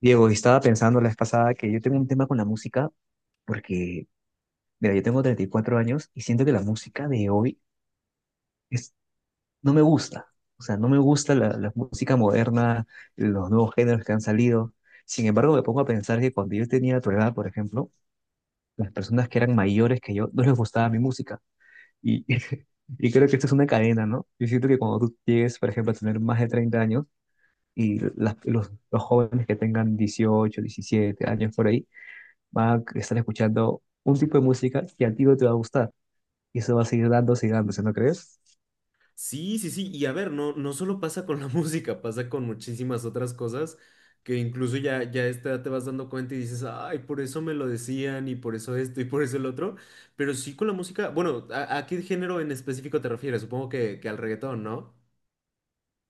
Diego, estaba pensando la vez pasada que yo tengo un tema con la música porque, mira, yo tengo 34 años y siento que la música de hoy es, no me gusta. O sea, no me gusta la música moderna, los nuevos géneros que han salido. Sin embargo, me pongo a pensar que cuando yo tenía tu edad, por ejemplo, las personas que eran mayores que yo no les gustaba mi música. Y, y creo que esto es una cadena, ¿no? Yo siento que cuando tú llegues, por ejemplo, a tener más de 30 años y los jóvenes que tengan 18, 17 años por ahí, va a estar escuchando un tipo de música que a ti no te va a gustar. Y eso va a seguir dándose y dándose, ¿no crees? Sí, sí, sí. Y a ver, no solo pasa con la música, pasa con muchísimas otras cosas que incluso ya a esta edad te vas dando cuenta y dices, ay, por eso me lo decían y por eso esto y por eso el otro. Pero sí con la música, bueno, ¿a qué género en específico te refieres? Supongo que al reggaetón, ¿no?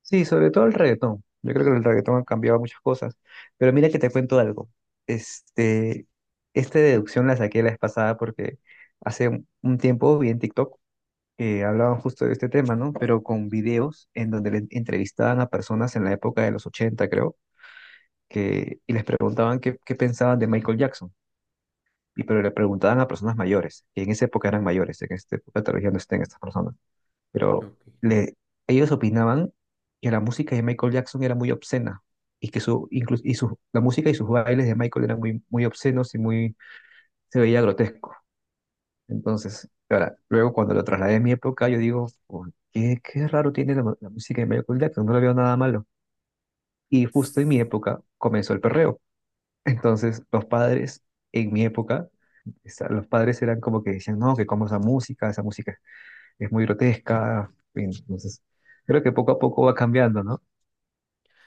Sí, sobre todo el reggaetón. Yo creo que el reggaetón ha cambiado muchas cosas. Pero mira que te cuento algo. Este, Esta deducción la saqué la vez pasada porque hace un tiempo vi en TikTok que hablaban justo de este tema, ¿no? Pero con videos en donde le entrevistaban a personas en la época de los 80 creo, y les preguntaban qué pensaban de Michael Jackson. Y pero le preguntaban a personas mayores, que en esa época eran mayores, en esta época todavía no estén estas personas, pero Ok. le, ellos opinaban que la música de Michael Jackson era muy obscena y que su, incluso, y su, la música y sus bailes de Michael eran muy obscenos y se veía grotesco. Entonces, ahora, luego cuando lo trasladé a mi época, yo digo, "Oh, qué raro tiene la música de Michael Jackson, no le veo nada malo. Y justo en mi época comenzó el perreo. Entonces, los padres, en mi época, los padres eran como que decían, no, que como esa música es muy grotesca. En fin. Entonces, creo que poco a poco va cambiando, ¿no?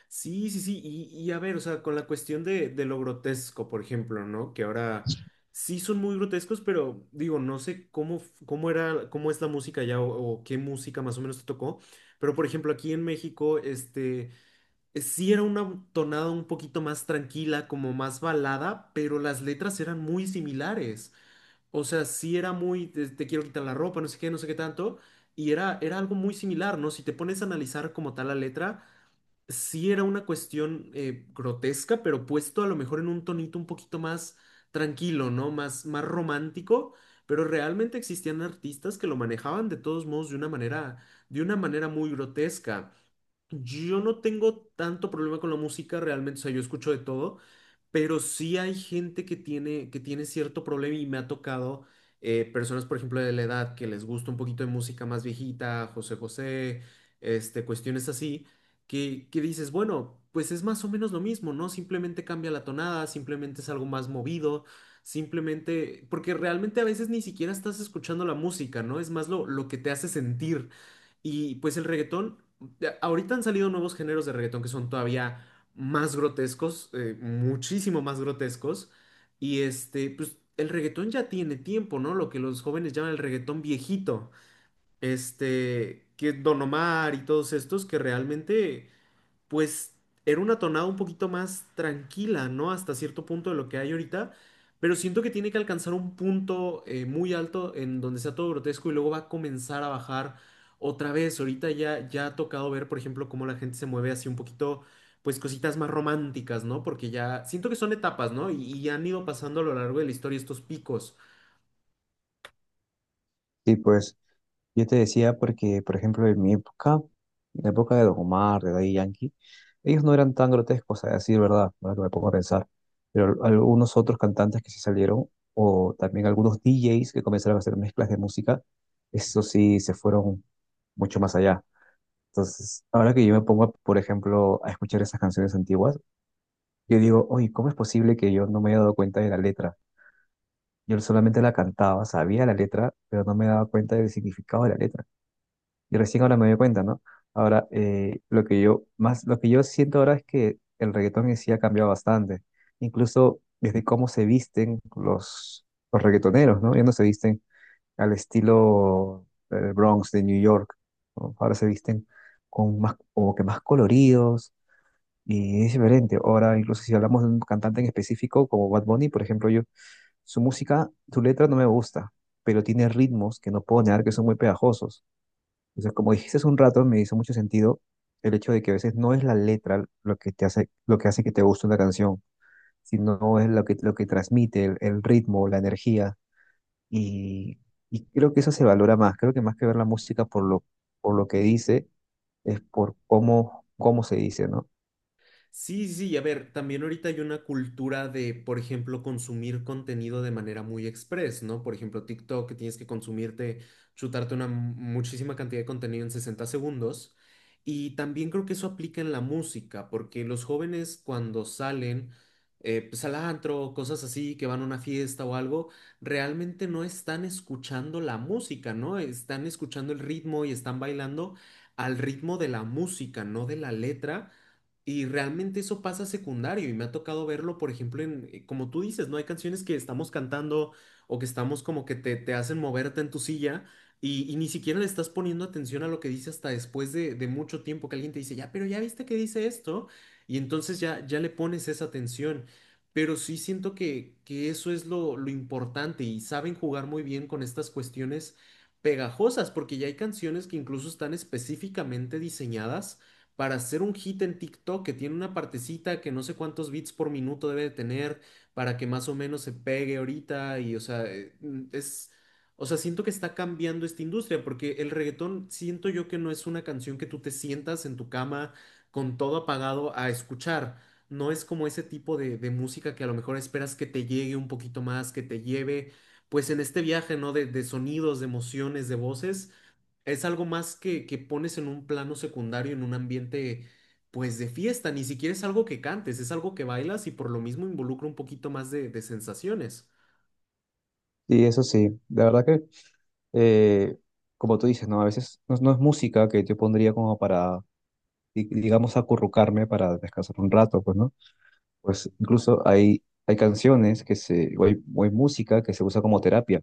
Sí, sí, sí, y a ver, o sea, con la cuestión de lo grotesco, por ejemplo, ¿no? Que ahora sí son muy grotescos, pero digo, no sé cómo, cómo era, cómo es la música ya o qué música más o menos te tocó, pero por ejemplo, aquí en México, sí era una tonada un poquito más tranquila, como más balada, pero las letras eran muy similares. O sea, sí era muy, te quiero quitar la ropa, no sé qué, no sé qué tanto, y era algo muy similar, ¿no? Si te pones a analizar como tal la letra sí era una cuestión grotesca, pero puesto a lo mejor en un tonito un poquito más tranquilo, ¿no? Más, más romántico, pero realmente existían artistas que lo manejaban de todos modos de una manera muy grotesca. Yo no tengo tanto problema con la música realmente, o sea, yo escucho de todo, pero sí hay gente que tiene cierto problema y me ha tocado personas, por ejemplo, de la edad que les gusta un poquito de música más viejita, José José, este, cuestiones así, que dices, bueno, pues es más o menos lo mismo, ¿no? Simplemente cambia la tonada, simplemente es algo más movido, simplemente, porque realmente a veces ni siquiera estás escuchando la música, ¿no? Es más lo que te hace sentir. Y pues el reggaetón. Ya, ahorita han salido nuevos géneros de reggaetón que son todavía más grotescos, muchísimo más grotescos. Y este, pues el reggaetón ya tiene tiempo, ¿no? Lo que los jóvenes llaman el reggaetón viejito. Este, que Don Omar y todos estos que realmente pues era una tonada un poquito más tranquila, ¿no? Hasta cierto punto de lo que hay ahorita, pero siento que tiene que alcanzar un punto muy alto en donde sea todo grotesco y luego va a comenzar a bajar otra vez. Ahorita ya ha tocado ver, por ejemplo, cómo la gente se mueve así un poquito, pues cositas más románticas, ¿no? Porque ya siento que son etapas, ¿no? Y han ido pasando a lo largo de la historia estos picos. Sí, pues yo te decía porque, por ejemplo, en mi época, en la época de Don Omar, de Daddy Yankee, ellos no eran tan grotescos, a decir verdad, ahora que me pongo a pensar, pero algunos otros cantantes que se salieron, o también algunos DJs que comenzaron a hacer mezclas de música, eso sí se fueron mucho más allá. Entonces, ahora que yo me pongo, por ejemplo, a escuchar esas canciones antiguas, yo digo, oye, ¿cómo es posible que yo no me haya dado cuenta de la letra? Yo solamente la cantaba, sabía la letra, pero no me daba cuenta del significado de la letra. Y recién ahora me doy cuenta, ¿no? Ahora, lo que yo más, lo que yo siento ahora es que el reggaetón en sí ha cambiado bastante. Incluso desde cómo se visten los reggaetoneros, ¿no? Ya no se visten al estilo del Bronx de New York, ¿no? Ahora se visten con más, como que más coloridos y es diferente. Ahora, incluso si hablamos de un cantante en específico, como Bad Bunny, por ejemplo, yo, su música, su letra no me gusta, pero tiene ritmos que no puedo negar que son muy pegajosos. Entonces, como dijiste hace un rato, me hizo mucho sentido el hecho de que a veces no es la letra lo que te hace, lo que hace que te guste una canción, sino es lo que transmite, el ritmo, la energía. Y, y creo que eso se valora más. Creo que más que ver la música por lo que dice, es por cómo, cómo se dice, ¿no? Sí, sí, sí, a ver, también ahorita hay una cultura de, por ejemplo, consumir contenido de manera muy express, ¿no? Por ejemplo, TikTok, que tienes que consumirte, chutarte una muchísima cantidad de contenido en 60 segundos. Y también creo que eso aplica en la música, porque los jóvenes cuando salen, pues al antro, cosas así, que van a una fiesta o algo, realmente no están escuchando la música, ¿no? Están escuchando el ritmo y están bailando al ritmo de la música, no de la letra. Y realmente eso pasa secundario y me ha tocado verlo, por ejemplo, como tú dices, ¿no? Hay canciones que estamos cantando o que estamos como que te hacen moverte en tu silla y ni siquiera le estás poniendo atención a lo que dice hasta después de mucho tiempo que alguien te dice, ya, pero ya viste que dice esto y entonces ya le pones esa atención. Pero sí siento que eso es lo importante y saben jugar muy bien con estas cuestiones pegajosas porque ya hay canciones que incluso están específicamente diseñadas para hacer un hit en TikTok que tiene una partecita que no sé cuántos bits por minuto debe de tener para que más o menos se pegue ahorita y o sea, es o sea, siento que está cambiando esta industria porque el reggaetón siento yo que no es una canción que tú te sientas en tu cama con todo apagado a escuchar. No es como ese tipo de música que a lo mejor esperas que te llegue un poquito más, que te lleve, pues en este viaje, ¿no? De sonidos, de emociones, de voces. Es algo más que pones en un plano secundario, en un ambiente, pues, de fiesta. Ni siquiera es algo que cantes, es algo que bailas y por lo mismo involucra un poquito más de sensaciones. Y eso sí, la verdad que eh, como tú dices, ¿no? A veces no es música que yo pondría como para, digamos, acurrucarme para descansar un rato, pues, ¿no? Pues incluso hay canciones que se, o hay música que se usa como terapia,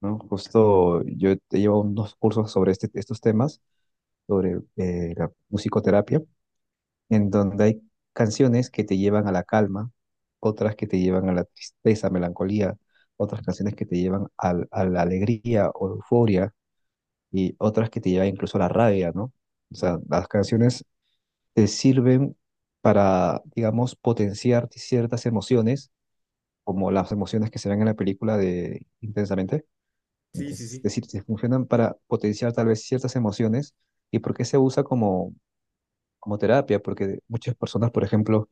¿no? Justo yo he llevado unos cursos sobre estos temas, sobre la musicoterapia, en donde hay canciones que te llevan a la calma, otras que te llevan a la tristeza, melancolía, otras canciones que te llevan a la alegría o euforia y otras que te llevan incluso a la rabia, ¿no? O sea, las canciones te sirven para, digamos, potenciar ciertas emociones, como las emociones que se ven en la película de Intensamente. Sí, sí, Entonces, es sí. decir, te funcionan para potenciar tal vez ciertas emociones y porque se usa como, como terapia, porque muchas personas, por ejemplo,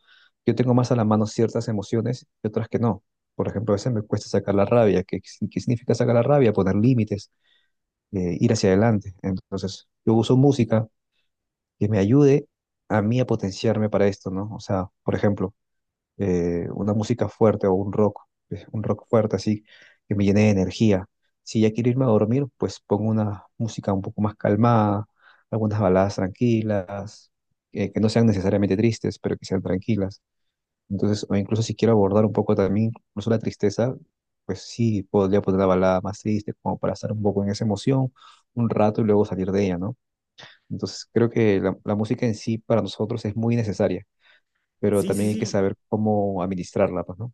yo tengo más a la mano ciertas emociones y otras que no. Por ejemplo, a veces me cuesta sacar la rabia. ¿Qué, qué significa sacar la rabia? Poner límites, ir hacia adelante. Entonces, yo uso música que me ayude a mí a potenciarme para esto, ¿no? O sea, por ejemplo, una música fuerte o un rock fuerte así, que me llene de energía. Si ya quiero irme a dormir, pues pongo una música un poco más calmada, algunas baladas tranquilas, que no sean necesariamente tristes, pero que sean tranquilas. Entonces, o incluso si quiero abordar un poco también, incluso la tristeza, pues sí, podría poner una balada más triste, como para estar un poco en esa emoción un rato y luego salir de ella, ¿no? Entonces creo que la música en sí para nosotros es muy necesaria, pero Sí, sí, también hay que sí. saber cómo administrarla, pues, ¿no?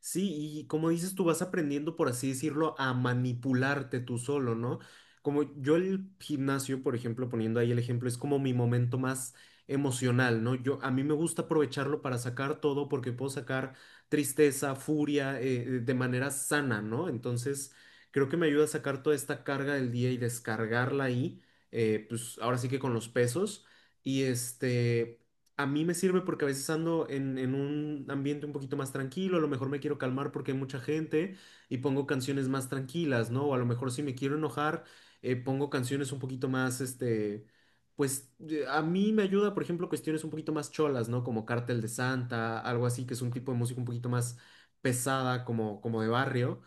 Sí, y como dices, tú vas aprendiendo, por así decirlo, a manipularte tú solo, ¿no? Como yo el gimnasio, por ejemplo, poniendo ahí el ejemplo, es como mi momento más emocional, ¿no? Yo, a mí me gusta aprovecharlo para sacar todo porque puedo sacar tristeza, furia, de manera sana, ¿no? Entonces, creo que me ayuda a sacar toda esta carga del día y descargarla ahí, pues ahora sí que con los pesos. Y este, a mí me sirve porque a veces ando en un ambiente un poquito más tranquilo, a lo mejor me quiero calmar porque hay mucha gente y pongo canciones más tranquilas, ¿no? O a lo mejor si me quiero enojar, pongo canciones un poquito más, pues a mí me ayuda, por ejemplo, cuestiones un poquito más cholas, ¿no? Como Cártel de Santa, algo así, que es un tipo de música un poquito más pesada, como, como de barrio.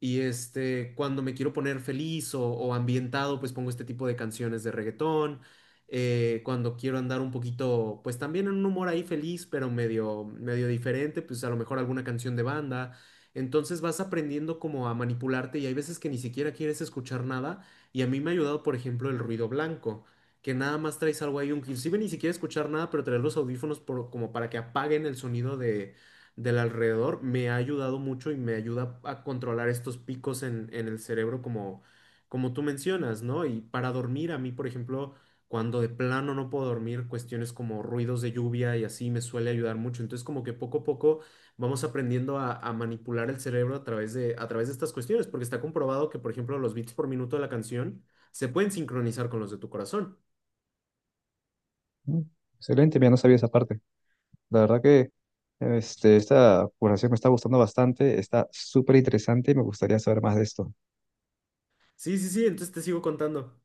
Y este, cuando me quiero poner feliz o ambientado, pues pongo este tipo de canciones de reggaetón cuando quiero andar un poquito, pues también en un humor ahí feliz, pero medio, medio diferente, pues a lo mejor alguna canción de banda. Entonces vas aprendiendo como a manipularte y hay veces que ni siquiera quieres escuchar nada y a mí me ha ayudado, por ejemplo, el ruido blanco, que nada más traes algo ahí, inclusive ni siquiera escuchar nada, pero traer los audífonos como para que apaguen el sonido de, del alrededor, me ha ayudado mucho y me ayuda a controlar estos picos en el cerebro como, como tú mencionas, ¿no? Y para dormir, a mí, por ejemplo, cuando de plano no puedo dormir, cuestiones como ruidos de lluvia y así me suele ayudar mucho. Entonces, como que poco a poco vamos aprendiendo a manipular el cerebro a través de estas cuestiones, porque está comprobado que, por ejemplo, los beats por minuto de la canción se pueden sincronizar con los de tu corazón. Mm, excelente, mira, no sabía esa parte. La verdad que esta conversación me está gustando bastante, está súper interesante y me gustaría saber más de esto. Sí, sí, sí, entonces te sigo contando.